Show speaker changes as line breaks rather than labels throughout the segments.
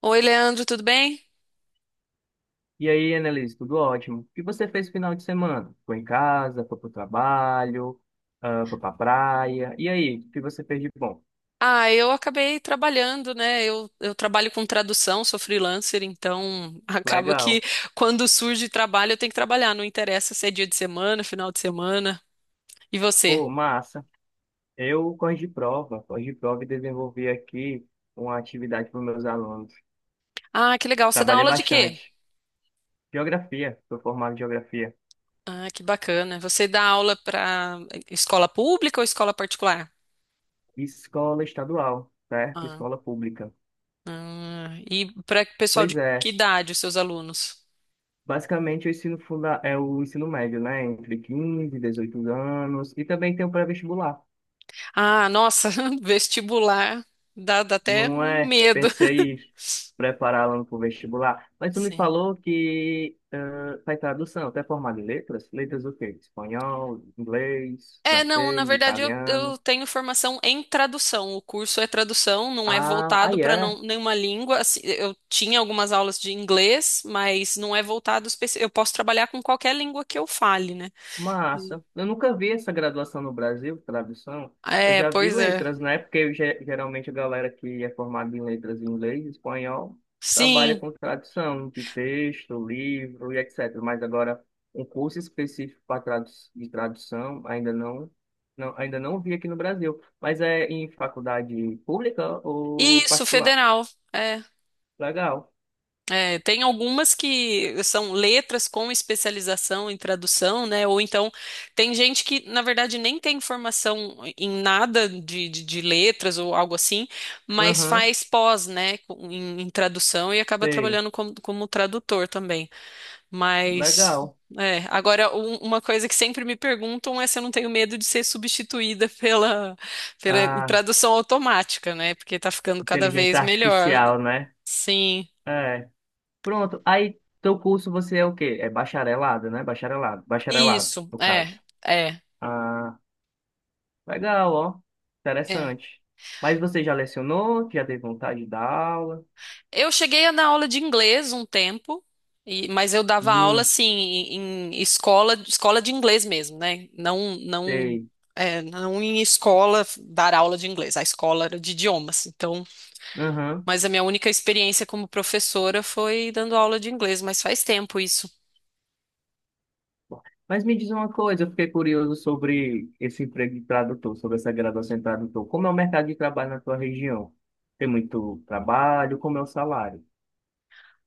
Oi, Leandro, tudo bem?
E aí, Annelise, tudo ótimo? O que você fez no final de semana? Foi em casa, foi pro trabalho, ah, foi pra praia. E aí, o que você fez de bom?
Ah, eu acabei trabalhando, né? Eu trabalho com tradução, sou freelancer, então acaba que
Legal.
quando surge trabalho eu tenho que trabalhar, não interessa se é dia de semana, final de semana. E você?
Pô, massa. Eu, corrigi prova e desenvolvi aqui uma atividade para meus alunos.
Ah, que legal. Você dá
Trabalhei
aula de quê?
bastante. Geografia, sou formado em geografia.
Ah, que bacana. Você dá aula para escola pública ou escola particular?
Escola estadual, certo?
Ah,
Escola pública.
ah, e para pessoal de
Pois
que
é.
idade, os seus alunos?
Basicamente, o ensino funda é o ensino médio, né? Entre 15 e 18 anos. E também tem o pré-vestibular.
Ah, nossa, vestibular dá até
Não
um
é?
medo.
Pensei em prepará-la para o vestibular. Mas tu me
Sim.
falou que faz tradução, até formado em letras? Letras o quê? Espanhol, inglês,
É, não, na
francês,
verdade eu
italiano.
tenho formação em tradução. O curso é tradução, não é
Ah,
voltado
aí
para
é.
nenhuma língua. Assim, eu tinha algumas aulas de inglês, mas não é voltado eu posso trabalhar com qualquer língua que eu fale, né? Sim.
Massa. Eu nunca vi essa graduação no Brasil, tradução. Eu
É,
já vi
pois é.
letras, né? Porque eu, geralmente a galera que é formada em letras em inglês, espanhol, trabalha
Sim,
com tradução de texto, livro e etc. Mas agora, um curso específico para tradu de tradução, ainda não, não, ainda não vi aqui no Brasil. Mas é em faculdade pública ou
isso,
particular?
federal. É.
Legal.
É, tem algumas que são letras com especialização em tradução, né? Ou então tem gente que, na verdade, nem tem formação em nada de letras ou algo assim, mas
Aham,
faz pós, né, em, em tradução e acaba
sei.
trabalhando como, como tradutor também. Mas,
Legal.
é, agora, uma coisa que sempre me perguntam é se eu não tenho medo de ser substituída pela, pela
Ah,
tradução automática, né? Porque tá ficando cada
inteligência
vez melhor.
artificial, né?
Sim.
É. Pronto. Aí, teu curso você é o quê? É bacharelado, né? Bacharelado. Bacharelado,
Isso,
no caso.
é,
Ah, legal, ó.
é.
Interessante. Mas você já lecionou? Já teve vontade de dar aula?
Eu cheguei a dar aula de inglês um tempo, mas eu dava aula
Hum,
assim em, em escola, escola de inglês mesmo, né? Não, não,
sei.
é, não em escola dar aula de inglês. A escola era de idiomas, então.
Aham.
Mas a minha única experiência como professora foi dando aula de inglês, mas faz tempo isso.
Mas me diz uma coisa, eu fiquei curioso sobre esse emprego de tradutor, sobre essa graduação em tradutor. Como é o mercado de trabalho na tua região? Tem muito trabalho? Como é o salário?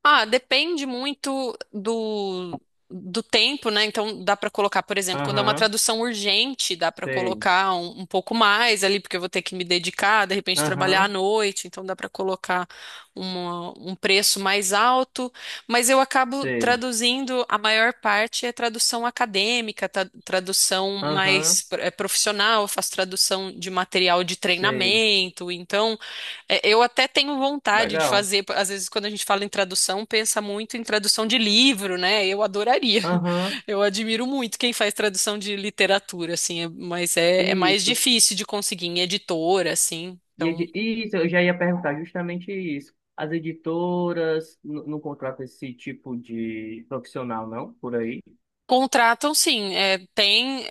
Ah, depende muito do, do tempo, né? Então dá para colocar, por exemplo, quando é uma
Aham,
tradução urgente, dá para
sei.
colocar um pouco mais ali, porque eu vou ter que me dedicar, de repente trabalhar à
Aham,
noite, então dá para colocar um preço mais alto. Mas eu acabo
sei.
traduzindo, a maior parte é tradução acadêmica, tradução
Aham,
mais profissional, eu faço tradução de material de
sei.
treinamento, então. É, eu até tenho vontade de
Legal.
fazer, às vezes quando a gente fala em tradução, pensa muito em tradução de livro, né? Eu adoraria.
Aham,
Eu admiro muito quem faz tradução de literatura, assim, mas é, é mais
isso.
difícil de conseguir em editora, assim.
E
Então,
isso, eu já ia perguntar justamente isso. As editoras não contratam esse tipo de profissional, não, por aí?
contratam sim, é, tem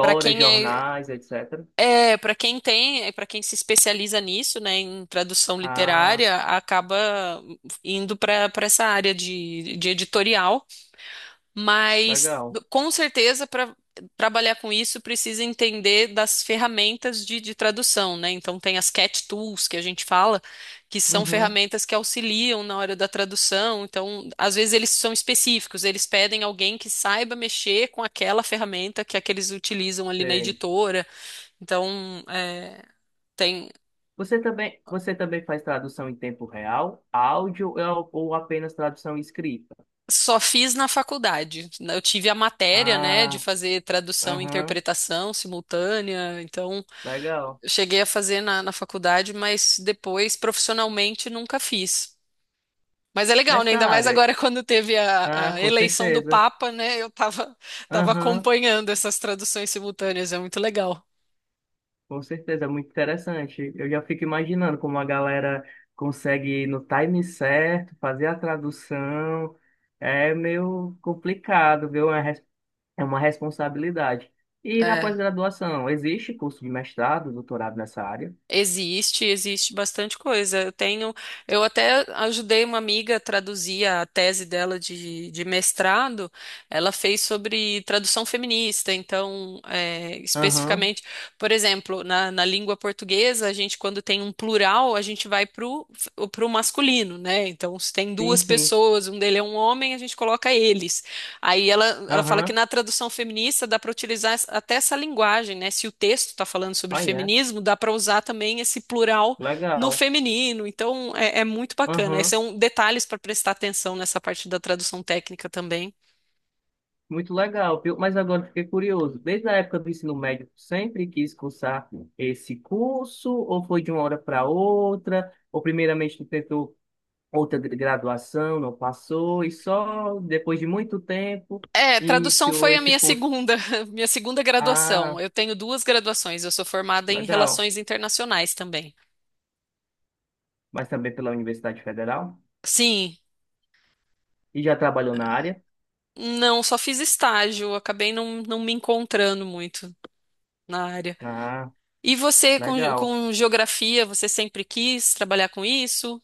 para quem é,
jornais, etc.
é para quem tem, para quem se especializa nisso, né, em tradução
Ah,
literária, acaba indo para para essa área de editorial. Mas
legal.
com certeza para trabalhar com isso precisa entender das ferramentas de tradução, né? Então tem as cat tools que a gente fala, que são
Uhum,
ferramentas que auxiliam na hora da tradução. Então, às vezes eles são específicos, eles pedem alguém que saiba mexer com aquela ferramenta que é que eles utilizam ali na
sei.
editora. Então, é, tem.
Você também faz tradução em tempo real, áudio ou apenas tradução escrita?
Só fiz na faculdade. Eu tive a matéria, né, de
Ah,
fazer tradução e
aham,
interpretação simultânea, então
legal.
eu cheguei a fazer na, na faculdade, mas depois, profissionalmente, nunca fiz. Mas é legal, né?
Nessa
Ainda mais
área,
agora quando teve
ah,
a
com
eleição do
certeza.
Papa, né? Eu tava, tava
Aham.
acompanhando essas traduções simultâneas, é muito legal.
Com certeza, é muito interessante. Eu já fico imaginando como a galera consegue ir no time certo, fazer a tradução. É meio complicado, viu? É uma responsabilidade. E na
É.
pós-graduação, existe curso de mestrado, doutorado nessa área?
Existe, existe bastante coisa. Eu tenho, eu até ajudei uma amiga a traduzir a tese dela de mestrado. Ela fez sobre tradução feminista, então, é,
Aham,
especificamente, por exemplo, na, na língua portuguesa, a gente, quando tem um plural, a gente vai pro, pro masculino, né? Então, se tem
sim,
duas
sim.
pessoas, um dele é um homem, a gente coloca eles. Aí ela fala que
Aham,
na tradução feminista dá para utilizar até essa linguagem, né? Se o texto está falando sobre
aí é.
feminismo, dá para usar também esse plural no
Legal.
feminino. Então é, é muito bacana. Esses
Aham.
são detalhes para prestar atenção nessa parte da tradução técnica também.
Muito legal, viu? Mas agora eu fiquei curioso. Desde a época do ensino médio, tu sempre quis cursar esse curso, ou foi de uma hora para outra, ou primeiramente tu tentou outra graduação, não passou, e só depois de muito tempo
É, tradução
iniciou
foi a
esse
minha
curso.
segunda, minha segunda graduação.
Ah,
Eu tenho duas graduações. Eu sou formada em
legal.
relações internacionais também.
Mas também pela Universidade Federal?
Sim,
E já trabalhou na área?
não, só fiz estágio. Acabei não, não me encontrando muito na área.
Ah,
E você
legal.
com geografia, você sempre quis trabalhar com isso?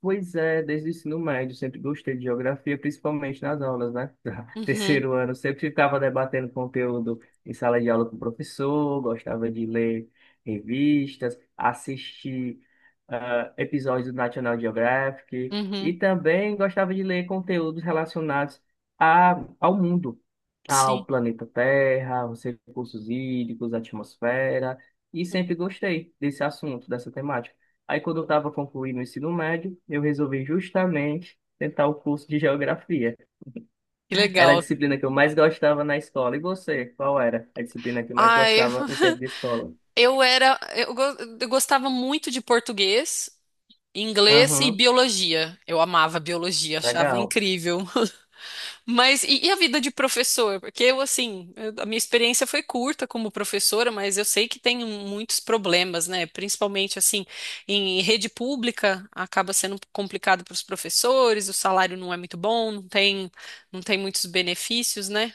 Pois é, desde o ensino médio, sempre gostei de geografia, principalmente nas aulas, né?
Uhum,
Terceiro ano, sempre ficava debatendo conteúdo em sala de aula com o professor, gostava de ler revistas, assistir episódios do National Geographic e
uhum,
também gostava de ler conteúdos relacionados ao mundo, ao
sim.
planeta Terra, os recursos hídricos, a atmosfera, e
Uhum.
sempre gostei desse assunto, dessa temática. Aí, quando eu estava concluindo o ensino médio, eu resolvi justamente tentar o curso de geografia.
Que
Era a
legal.
disciplina que eu mais gostava na escola. E você, qual era a disciplina que mais
Ai,
gostava no tempo de escola?
eu era, eu gostava muito de português, inglês e
Aham,
biologia. Eu amava biologia, achava
legal.
incrível. Mas e a vida de professor? Porque eu, assim, a minha experiência foi curta como professora, mas eu sei que tem muitos problemas, né? Principalmente, assim, em rede pública, acaba sendo complicado para os professores, o salário não é muito bom, não tem, não tem muitos benefícios, né?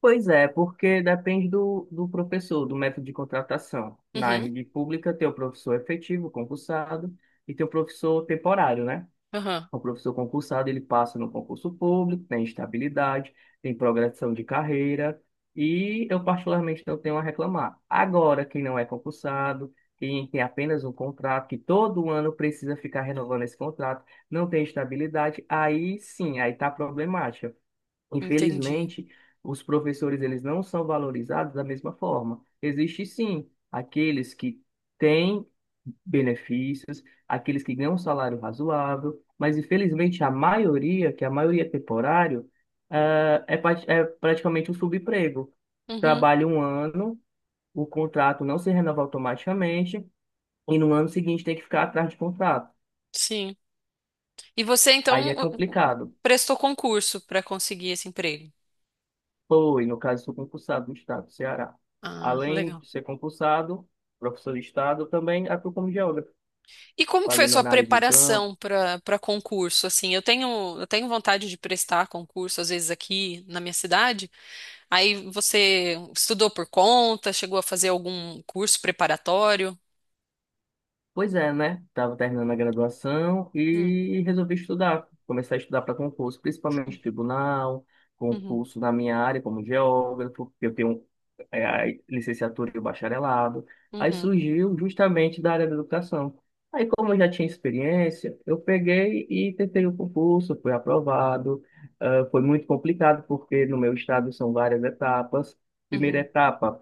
Pois é, porque depende do professor, do método de contratação. Na
Uhum,
rede pública, tem o professor é efetivo, concursado, e tem o professor temporário, né?
aham,
O professor concursado, ele passa no concurso público, tem estabilidade, tem progressão de carreira e eu particularmente não tenho a reclamar. Agora, quem não é concursado, quem tem apenas um contrato, que todo ano precisa ficar renovando esse contrato, não tem estabilidade, aí sim, aí está problemático.
entendi.
Infelizmente, os professores eles não são valorizados da mesma forma. Existe sim aqueles que têm benefícios, aqueles que ganham um salário razoável, mas infelizmente a maioria, que é a maioria é temporário, é praticamente um subemprego.
Uhum,
Trabalha um ano, o contrato não se renova automaticamente e no ano seguinte tem que ficar atrás de contrato.
sim. E você,
Aí
então,
é complicado.
prestou concurso para conseguir esse emprego?
Foi, no caso, sou concursado do Estado do Ceará.
Ah,
Além
legal.
de ser concursado, professor de Estado, também atuo como geógrafo,
E como que foi a
fazendo
sua
análise de campo.
preparação para para concurso? Assim, eu tenho vontade de prestar concurso às vezes aqui na minha cidade. Aí você estudou por conta, chegou a fazer algum curso preparatório?
Pois é, né? Estava terminando a graduação
Hum,
e resolvi estudar. Começar a estudar para concurso, principalmente tribunal,
uhum,
concurso na minha área como geógrafo, porque eu tenho é, a licenciatura e o bacharelado. Aí
uhum,
surgiu justamente da área da educação. Aí, como eu já tinha experiência, eu peguei e tentei o concurso, fui aprovado. Ah, foi muito complicado, porque no meu estado são várias etapas. Primeira
uhum,
etapa,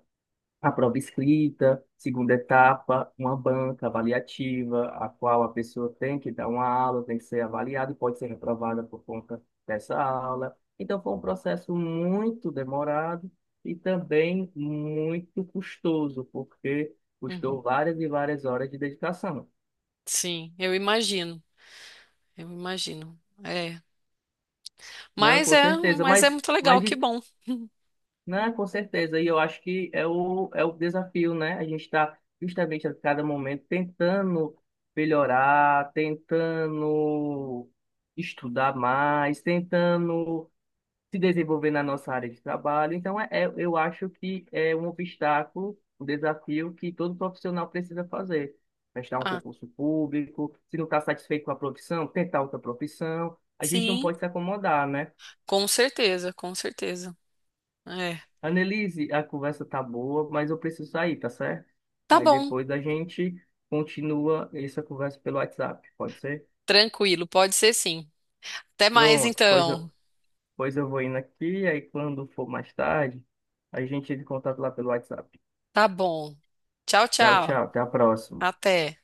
a prova escrita, segunda etapa, uma banca avaliativa, a qual a pessoa tem que dar uma aula, tem que ser avaliada e pode ser reprovada por conta dessa aula. Então, foi um processo muito demorado e também muito custoso, porque
uhum.
custou várias e várias horas de dedicação.
Sim, eu imagino, eu imagino. É,
Não,
mas
com
é,
certeza,
mas é muito
mas
legal, que
de
bom.
Né, com certeza. E eu acho que é o desafio, né? A gente está justamente a cada momento tentando melhorar, tentando estudar mais, tentando se desenvolver na nossa área de trabalho. Então, eu acho que é um obstáculo, um desafio que todo profissional precisa fazer. Prestar um
Ah,
concurso público, se não está satisfeito com a profissão, tentar outra profissão. A gente não
sim,
pode se acomodar, né?
com certeza, com certeza. É,
Annelise, a conversa tá boa, mas eu preciso sair, tá certo?
tá
Aí
bom,
depois a gente continua essa conversa pelo WhatsApp, pode ser?
tranquilo, pode ser sim. Até mais
Pronto, pois eu,
então.
pois eu vou indo aqui, aí quando for mais tarde, a gente entra em contato lá pelo WhatsApp.
Tá bom. Tchau,
Tchau,
tchau.
tchau, até a próxima.
Até.